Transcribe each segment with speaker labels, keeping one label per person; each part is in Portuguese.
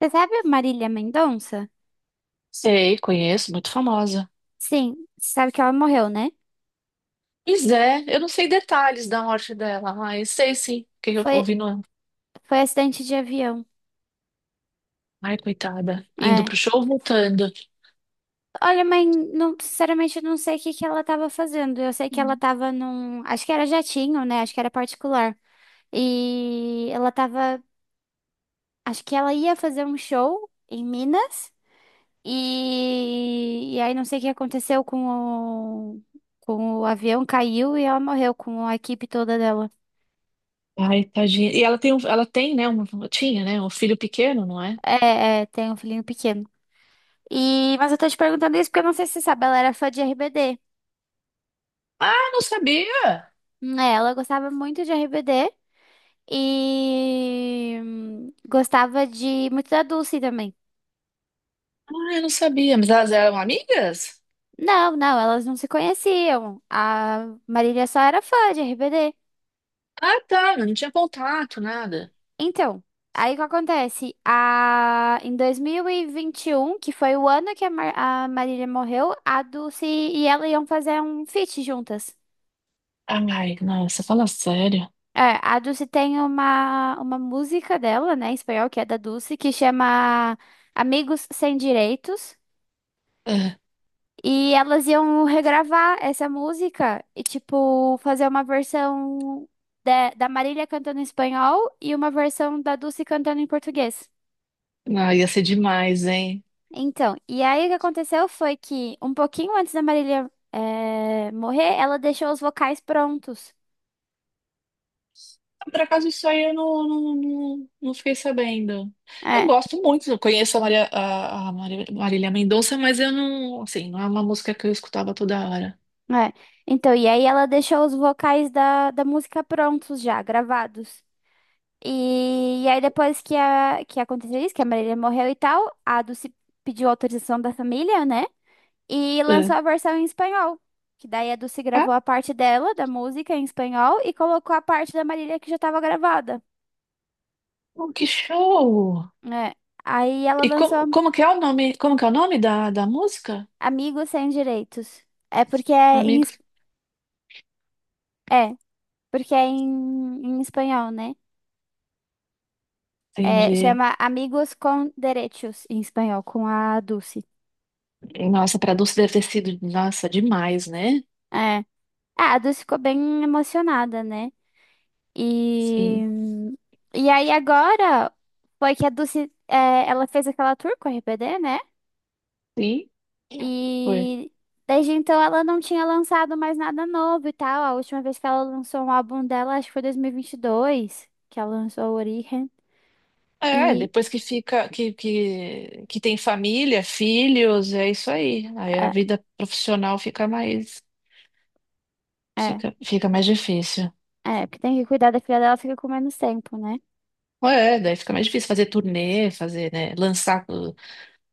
Speaker 1: Você sabe a Marília Mendonça?
Speaker 2: Sei, conheço, muito famosa.
Speaker 1: Sim, você sabe que ela morreu, né?
Speaker 2: Pois é, eu não sei detalhes da morte dela, mas sei sim, que eu
Speaker 1: Foi,
Speaker 2: ouvi no...
Speaker 1: foi acidente de avião.
Speaker 2: Ai, coitada, indo
Speaker 1: É.
Speaker 2: pro show, voltando.
Speaker 1: Olha, mãe, não, sinceramente, eu não sei o que que ela tava fazendo. Eu sei que ela
Speaker 2: Hum.
Speaker 1: tava num. Acho que era jatinho, né? Acho que era particular. E ela tava. Acho que ela ia fazer um show em Minas. E aí não sei o que aconteceu o, com o avião, caiu e ela morreu com a equipe toda dela.
Speaker 2: Ai, tadinha. E ela tem, um, ela tem, né, uma, tinha, né, um filho pequeno, não é?
Speaker 1: É, é, tem um filhinho pequeno. E, mas eu tô te perguntando isso porque eu não sei se você sabe, ela era fã de RBD.
Speaker 2: Ah, não sabia.
Speaker 1: É, ela gostava muito de RBD e gostava de muito da Dulce também.
Speaker 2: Ah, eu não sabia, mas elas eram amigas?
Speaker 1: Não, não, elas não se conheciam. A Marília só era fã de RBD.
Speaker 2: Ah, tá, não tinha contato, nada.
Speaker 1: Então, aí o que acontece? Em 2021, que foi o ano que a Marília morreu, a Dulce e ela iam fazer um feat juntas.
Speaker 2: Ai, nossa, fala sério.
Speaker 1: É, a Dulce tem uma música dela, né, em espanhol, que é da Dulce, que chama Amigos Sem Direitos.
Speaker 2: Ah,
Speaker 1: E elas iam regravar essa música e, tipo, fazer uma versão da Marília cantando em espanhol e uma versão da Dulce cantando em português.
Speaker 2: não, ia ser demais, hein?
Speaker 1: Então, e aí o que aconteceu foi que, um pouquinho antes da Marília, morrer, ela deixou os vocais prontos.
Speaker 2: Por acaso isso aí eu não, não fiquei sabendo. Eu
Speaker 1: É,
Speaker 2: gosto muito, eu conheço a Maria, a Maria- Marília Mendonça, mas eu não, assim, não é uma música que eu escutava toda hora.
Speaker 1: é. Então, e aí ela deixou os vocais da música prontos já, gravados. E aí depois que aconteceu isso, que a Marília morreu e tal, a Dulce pediu autorização da família, né? E lançou
Speaker 2: É.
Speaker 1: a versão em espanhol. Que daí a Dulce
Speaker 2: Ah,
Speaker 1: gravou a parte dela, da música, em espanhol, e colocou a parte da Marília que já tava gravada.
Speaker 2: que show!
Speaker 1: É. Aí ela
Speaker 2: E como,
Speaker 1: lançou
Speaker 2: como que é o nome, como que é o nome da música?
Speaker 1: Amigos Sem Direitos. É porque é
Speaker 2: Amigo,
Speaker 1: é, em espanhol, né? É,
Speaker 2: entendi.
Speaker 1: chama Amigos con Derechos, em espanhol, com a Dulce.
Speaker 2: Nossa, para Dulce deve ter sido, nossa, demais, né?
Speaker 1: É. Ah, a Dulce ficou bem emocionada, né? E,
Speaker 2: Sim.
Speaker 1: e aí agora foi que a Dulce, ela fez aquela tour com a RBD, né?
Speaker 2: Sim. Foi.
Speaker 1: E desde então ela não tinha lançado mais nada novo e tal. A última vez que ela lançou um álbum dela, acho que foi 2022, que ela lançou o Origen.
Speaker 2: É,
Speaker 1: E
Speaker 2: depois que fica, que tem família, filhos, é isso aí. Aí a
Speaker 1: é,
Speaker 2: vida profissional fica mais,
Speaker 1: é,
Speaker 2: fica, fica mais difícil.
Speaker 1: Porque tem que cuidar da filha dela, fica com menos tempo, né?
Speaker 2: É, daí fica mais difícil fazer turnê, fazer, né, lançar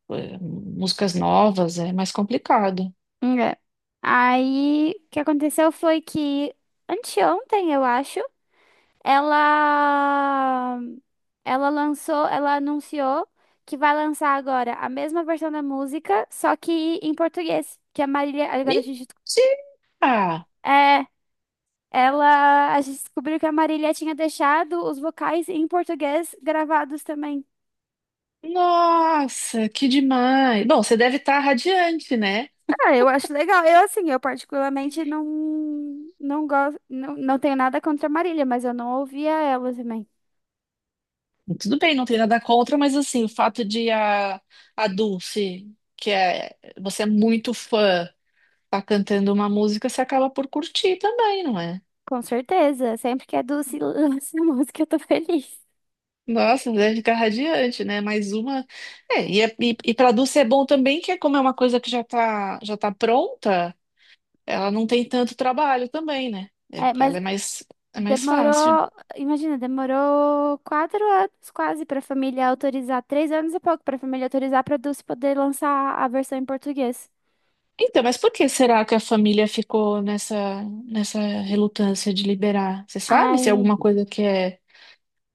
Speaker 2: uh, músicas novas, é mais complicado.
Speaker 1: É. Aí, o que aconteceu foi que anteontem, eu acho, ela ela anunciou que vai lançar agora a mesma versão da música, só que em português, que a Marília, agora
Speaker 2: Mentira!
Speaker 1: é, a gente descobriu que a Marília tinha deixado os vocais em português gravados também.
Speaker 2: Nossa, que demais! Bom, você deve estar radiante, né?
Speaker 1: Ah, eu acho legal. Assim, eu particularmente não gosto, não, não tenho nada contra a Marília, mas eu não ouvia ela também.
Speaker 2: Tudo bem, não tem nada contra, mas assim, o fato de a Dulce, que é, você é muito fã, tá cantando uma música, você acaba por curtir também, não é?
Speaker 1: Com certeza. Sempre que é doce lança música, eu tô feliz.
Speaker 2: Nossa, deve ficar radiante, né? Mais uma. É, e, é- e para Dulce é bom também, que é como é uma coisa que já tá pronta, ela não tem tanto trabalho também, né? É,
Speaker 1: É,
Speaker 2: para ela
Speaker 1: mas
Speaker 2: é mais fácil.
Speaker 1: demorou, imagina, demorou 4 anos quase pra família autorizar, 3 anos e pouco pra família autorizar pra Dulce poder lançar a versão em português.
Speaker 2: Então, mas por que será que a família ficou nessa, nessa relutância de liberar? Você sabe se é
Speaker 1: Ai,
Speaker 2: alguma coisa que é,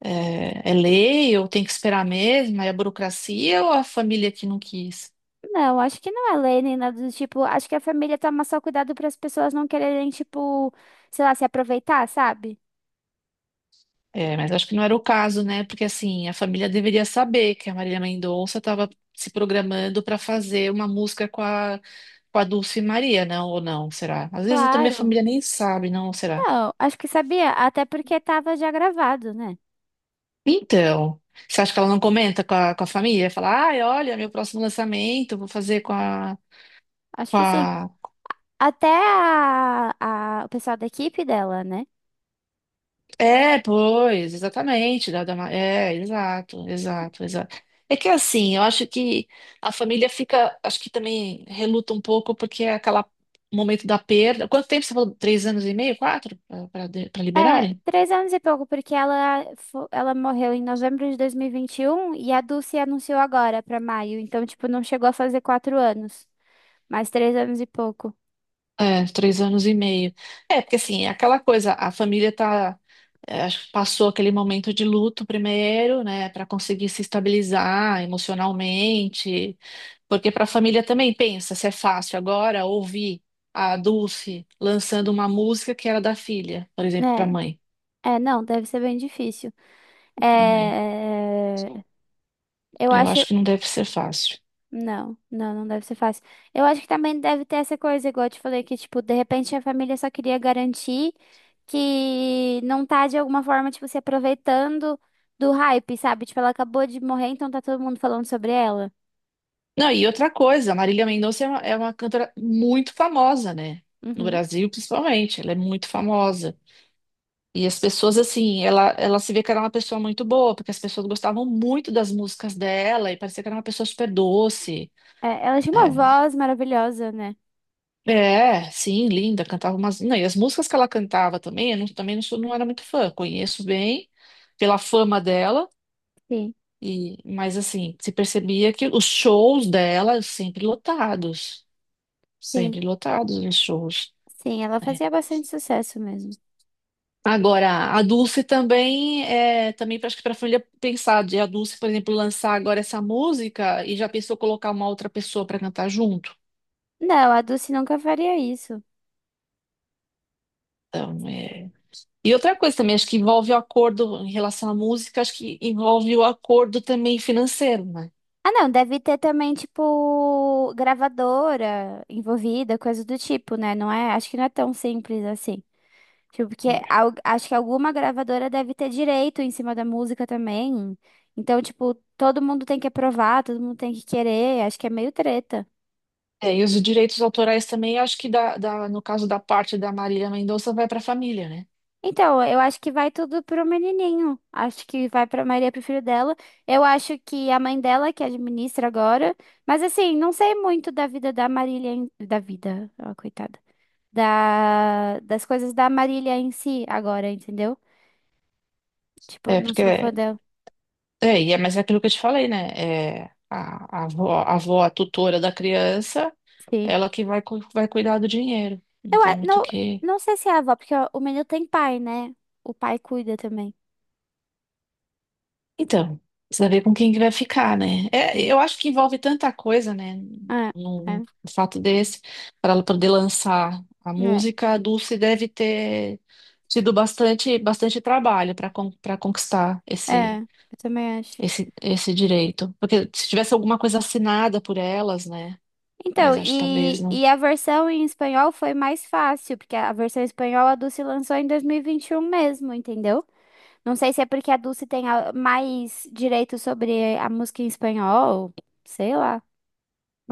Speaker 2: é, é lei ou tem que esperar mesmo, é a burocracia ou a família que não quis?
Speaker 1: não, acho que não é lei nem nada do tipo. Acho que a família toma só cuidado para as pessoas não quererem, tipo, sei lá, se aproveitar, sabe?
Speaker 2: É, mas acho que não era o caso, né? Porque assim, a família deveria saber que a Marília Mendonça estava se programando para fazer uma música com a Dulce Maria, não? Ou não? Será? Às vezes também a
Speaker 1: Claro.
Speaker 2: família nem sabe, não? Será?
Speaker 1: Não, acho que sabia, até porque tava já gravado, né?
Speaker 2: Então, você acha que ela não comenta com a família? Fala, ai, olha, meu próximo lançamento, vou fazer com a,
Speaker 1: Acho
Speaker 2: com
Speaker 1: que sim.
Speaker 2: a...
Speaker 1: Até o pessoal da equipe dela, né?
Speaker 2: É, pois, exatamente. Da, da, ma- é, exato, exato, exato. É que assim, eu acho que a família fica, acho que também reluta um pouco porque é aquele momento da perda. Quanto tempo você falou? Três anos e meio, quatro? Para
Speaker 1: É,
Speaker 2: liberarem?
Speaker 1: 3 anos e pouco, porque ela morreu em novembro de 2021 e vinte e um e a Dulce anunciou agora pra maio. Então, tipo, não chegou a fazer 4 anos, mas 3 anos e pouco.
Speaker 2: É, três anos e meio. É, porque assim, é aquela coisa, a família tá, é, acho que passou aquele momento de luto primeiro, né, para conseguir se estabilizar emocionalmente, porque para a família também pensa se é fácil agora ouvir a Dulce lançando uma música que era da filha, por exemplo, para a
Speaker 1: É,
Speaker 2: mãe,
Speaker 1: é, não, deve ser bem difícil.
Speaker 2: né?
Speaker 1: É, eu
Speaker 2: Eu
Speaker 1: acho.
Speaker 2: acho que não deve ser fácil.
Speaker 1: Não, não, não deve ser fácil. Eu acho que também deve ter essa coisa, igual eu te falei, que, tipo, de repente a família só queria garantir que não tá, de alguma forma, tipo, se aproveitando do hype, sabe? Tipo, ela acabou de morrer, então tá todo mundo falando sobre ela.
Speaker 2: Não, e outra coisa, a Marília Mendonça é uma cantora muito famosa, né? No
Speaker 1: Uhum.
Speaker 2: Brasil, principalmente, ela é muito famosa. E as pessoas, assim, ela se vê que era uma pessoa muito boa, porque as pessoas gostavam muito das músicas dela e parecia que era uma pessoa super doce.
Speaker 1: É, ela tinha uma
Speaker 2: É,
Speaker 1: voz maravilhosa, né?
Speaker 2: é sim, linda, cantava umas. Não, e as músicas que ela cantava também, eu não, também não, sou, não era muito fã, conheço bem pela fama dela,
Speaker 1: Sim,
Speaker 2: e mas assim, se percebia que os shows dela
Speaker 1: sim,
Speaker 2: sempre lotados os shows.
Speaker 1: sim, ela
Speaker 2: Né?
Speaker 1: fazia bastante sucesso mesmo.
Speaker 2: Agora, a Dulce também é também acho que para a família pensar de a Dulce, por exemplo, lançar agora essa música e já pensou colocar uma outra pessoa para cantar junto.
Speaker 1: Não, a Dulce nunca faria isso.
Speaker 2: Então, é... E outra coisa também, acho que envolve o acordo em relação à música, acho que envolve o acordo também financeiro, né?
Speaker 1: Ah, não, deve ter também, tipo, gravadora envolvida, coisa do tipo, né? Não é, acho que não é tão simples assim. Tipo, porque acho que alguma gravadora deve ter direito em cima da música também. Então, tipo, todo mundo tem que aprovar, todo mundo tem que querer, acho que é meio treta.
Speaker 2: É, e os direitos autorais também, acho que da, da- no caso da parte da Marília Mendonça vai para a família, né?
Speaker 1: Então, eu acho que vai tudo pro menininho. Acho que vai pra Maria, pro filho dela. Eu acho que a mãe dela que administra agora. Mas assim, não sei muito da vida da Marília, da vida, ó, coitada, das coisas da Marília em si agora, entendeu? Tipo,
Speaker 2: É,
Speaker 1: não sou fã
Speaker 2: porque.
Speaker 1: dela.
Speaker 2: É, e é, mas é aquilo que eu te falei, né? É, a avó, a avó, a tutora da criança.
Speaker 1: Sim.
Speaker 2: Ela que vai, cu- vai cuidar do dinheiro. Não
Speaker 1: Eu
Speaker 2: tem
Speaker 1: a-
Speaker 2: muito o
Speaker 1: não,
Speaker 2: que.
Speaker 1: não sei se é a avó, porque o menino tem pai, né? O pai cuida também.
Speaker 2: Então, precisa ver com quem que vai ficar, né? É,
Speaker 1: Hum.
Speaker 2: eu acho que envolve tanta coisa, né?
Speaker 1: É, é,
Speaker 2: Num fato desse, para ela poder lançar a
Speaker 1: é,
Speaker 2: música, a Dulce deve ter tido bastante, bastante trabalho para para conquistar
Speaker 1: é,
Speaker 2: esse,
Speaker 1: eu também acho.
Speaker 2: esse, esse direito. Porque se tivesse alguma coisa assinada por elas, né?
Speaker 1: Então,
Speaker 2: Mas acho que talvez
Speaker 1: e,
Speaker 2: não.
Speaker 1: e a versão em espanhol foi mais fácil, porque a versão em espanhol a Dulce lançou em 2021 mesmo, entendeu? Não sei se é porque a Dulce tem mais direito sobre a música em espanhol, sei lá.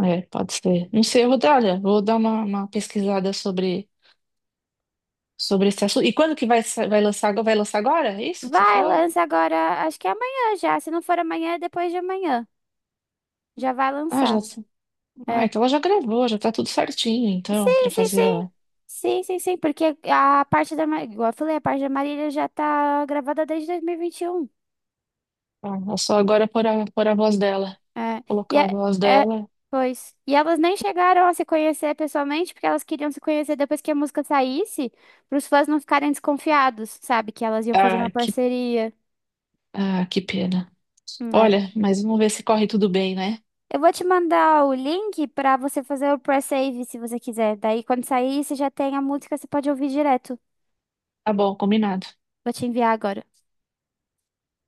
Speaker 2: É, pode ser. Não sei, eu vou dar, olha, vou dar uma pesquisada sobre sobre esse assunto. E quando que vai, sa- vai lançar, agora- vai lançar agora? É isso que você
Speaker 1: Vai,
Speaker 2: falou?
Speaker 1: lança agora, acho que é amanhã já. Se não for amanhã, é depois de amanhã. Já vai
Speaker 2: Ah, já,
Speaker 1: lançar.
Speaker 2: ah,
Speaker 1: É.
Speaker 2: então ela já gravou, já tá tudo certinho, então,
Speaker 1: Sim,
Speaker 2: para
Speaker 1: sim,
Speaker 2: fazer
Speaker 1: sim. Sim, sim, sim, porque a parte da, Ma- igual eu falei, a parte da Marília já tá gravada desde 2021.
Speaker 2: a- é só agora pôr a, pôr a voz dela,
Speaker 1: É. E
Speaker 2: colocar
Speaker 1: é,
Speaker 2: a voz
Speaker 1: é,
Speaker 2: dela.
Speaker 1: Pois. E elas nem chegaram a se conhecer pessoalmente, porque elas queriam se conhecer depois que a música saísse, para os fãs não ficarem desconfiados, sabe? Que elas iam fazer uma
Speaker 2: Ah, que,
Speaker 1: parceria.
Speaker 2: ah, que pena.
Speaker 1: É.
Speaker 2: Olha, mas vamos ver se corre tudo bem, né?
Speaker 1: Eu vou te mandar o link pra você fazer o pré-save se você quiser. Daí, quando sair, você já tem a música, você pode ouvir direto.
Speaker 2: Tá bom, combinado.
Speaker 1: Vou te enviar agora.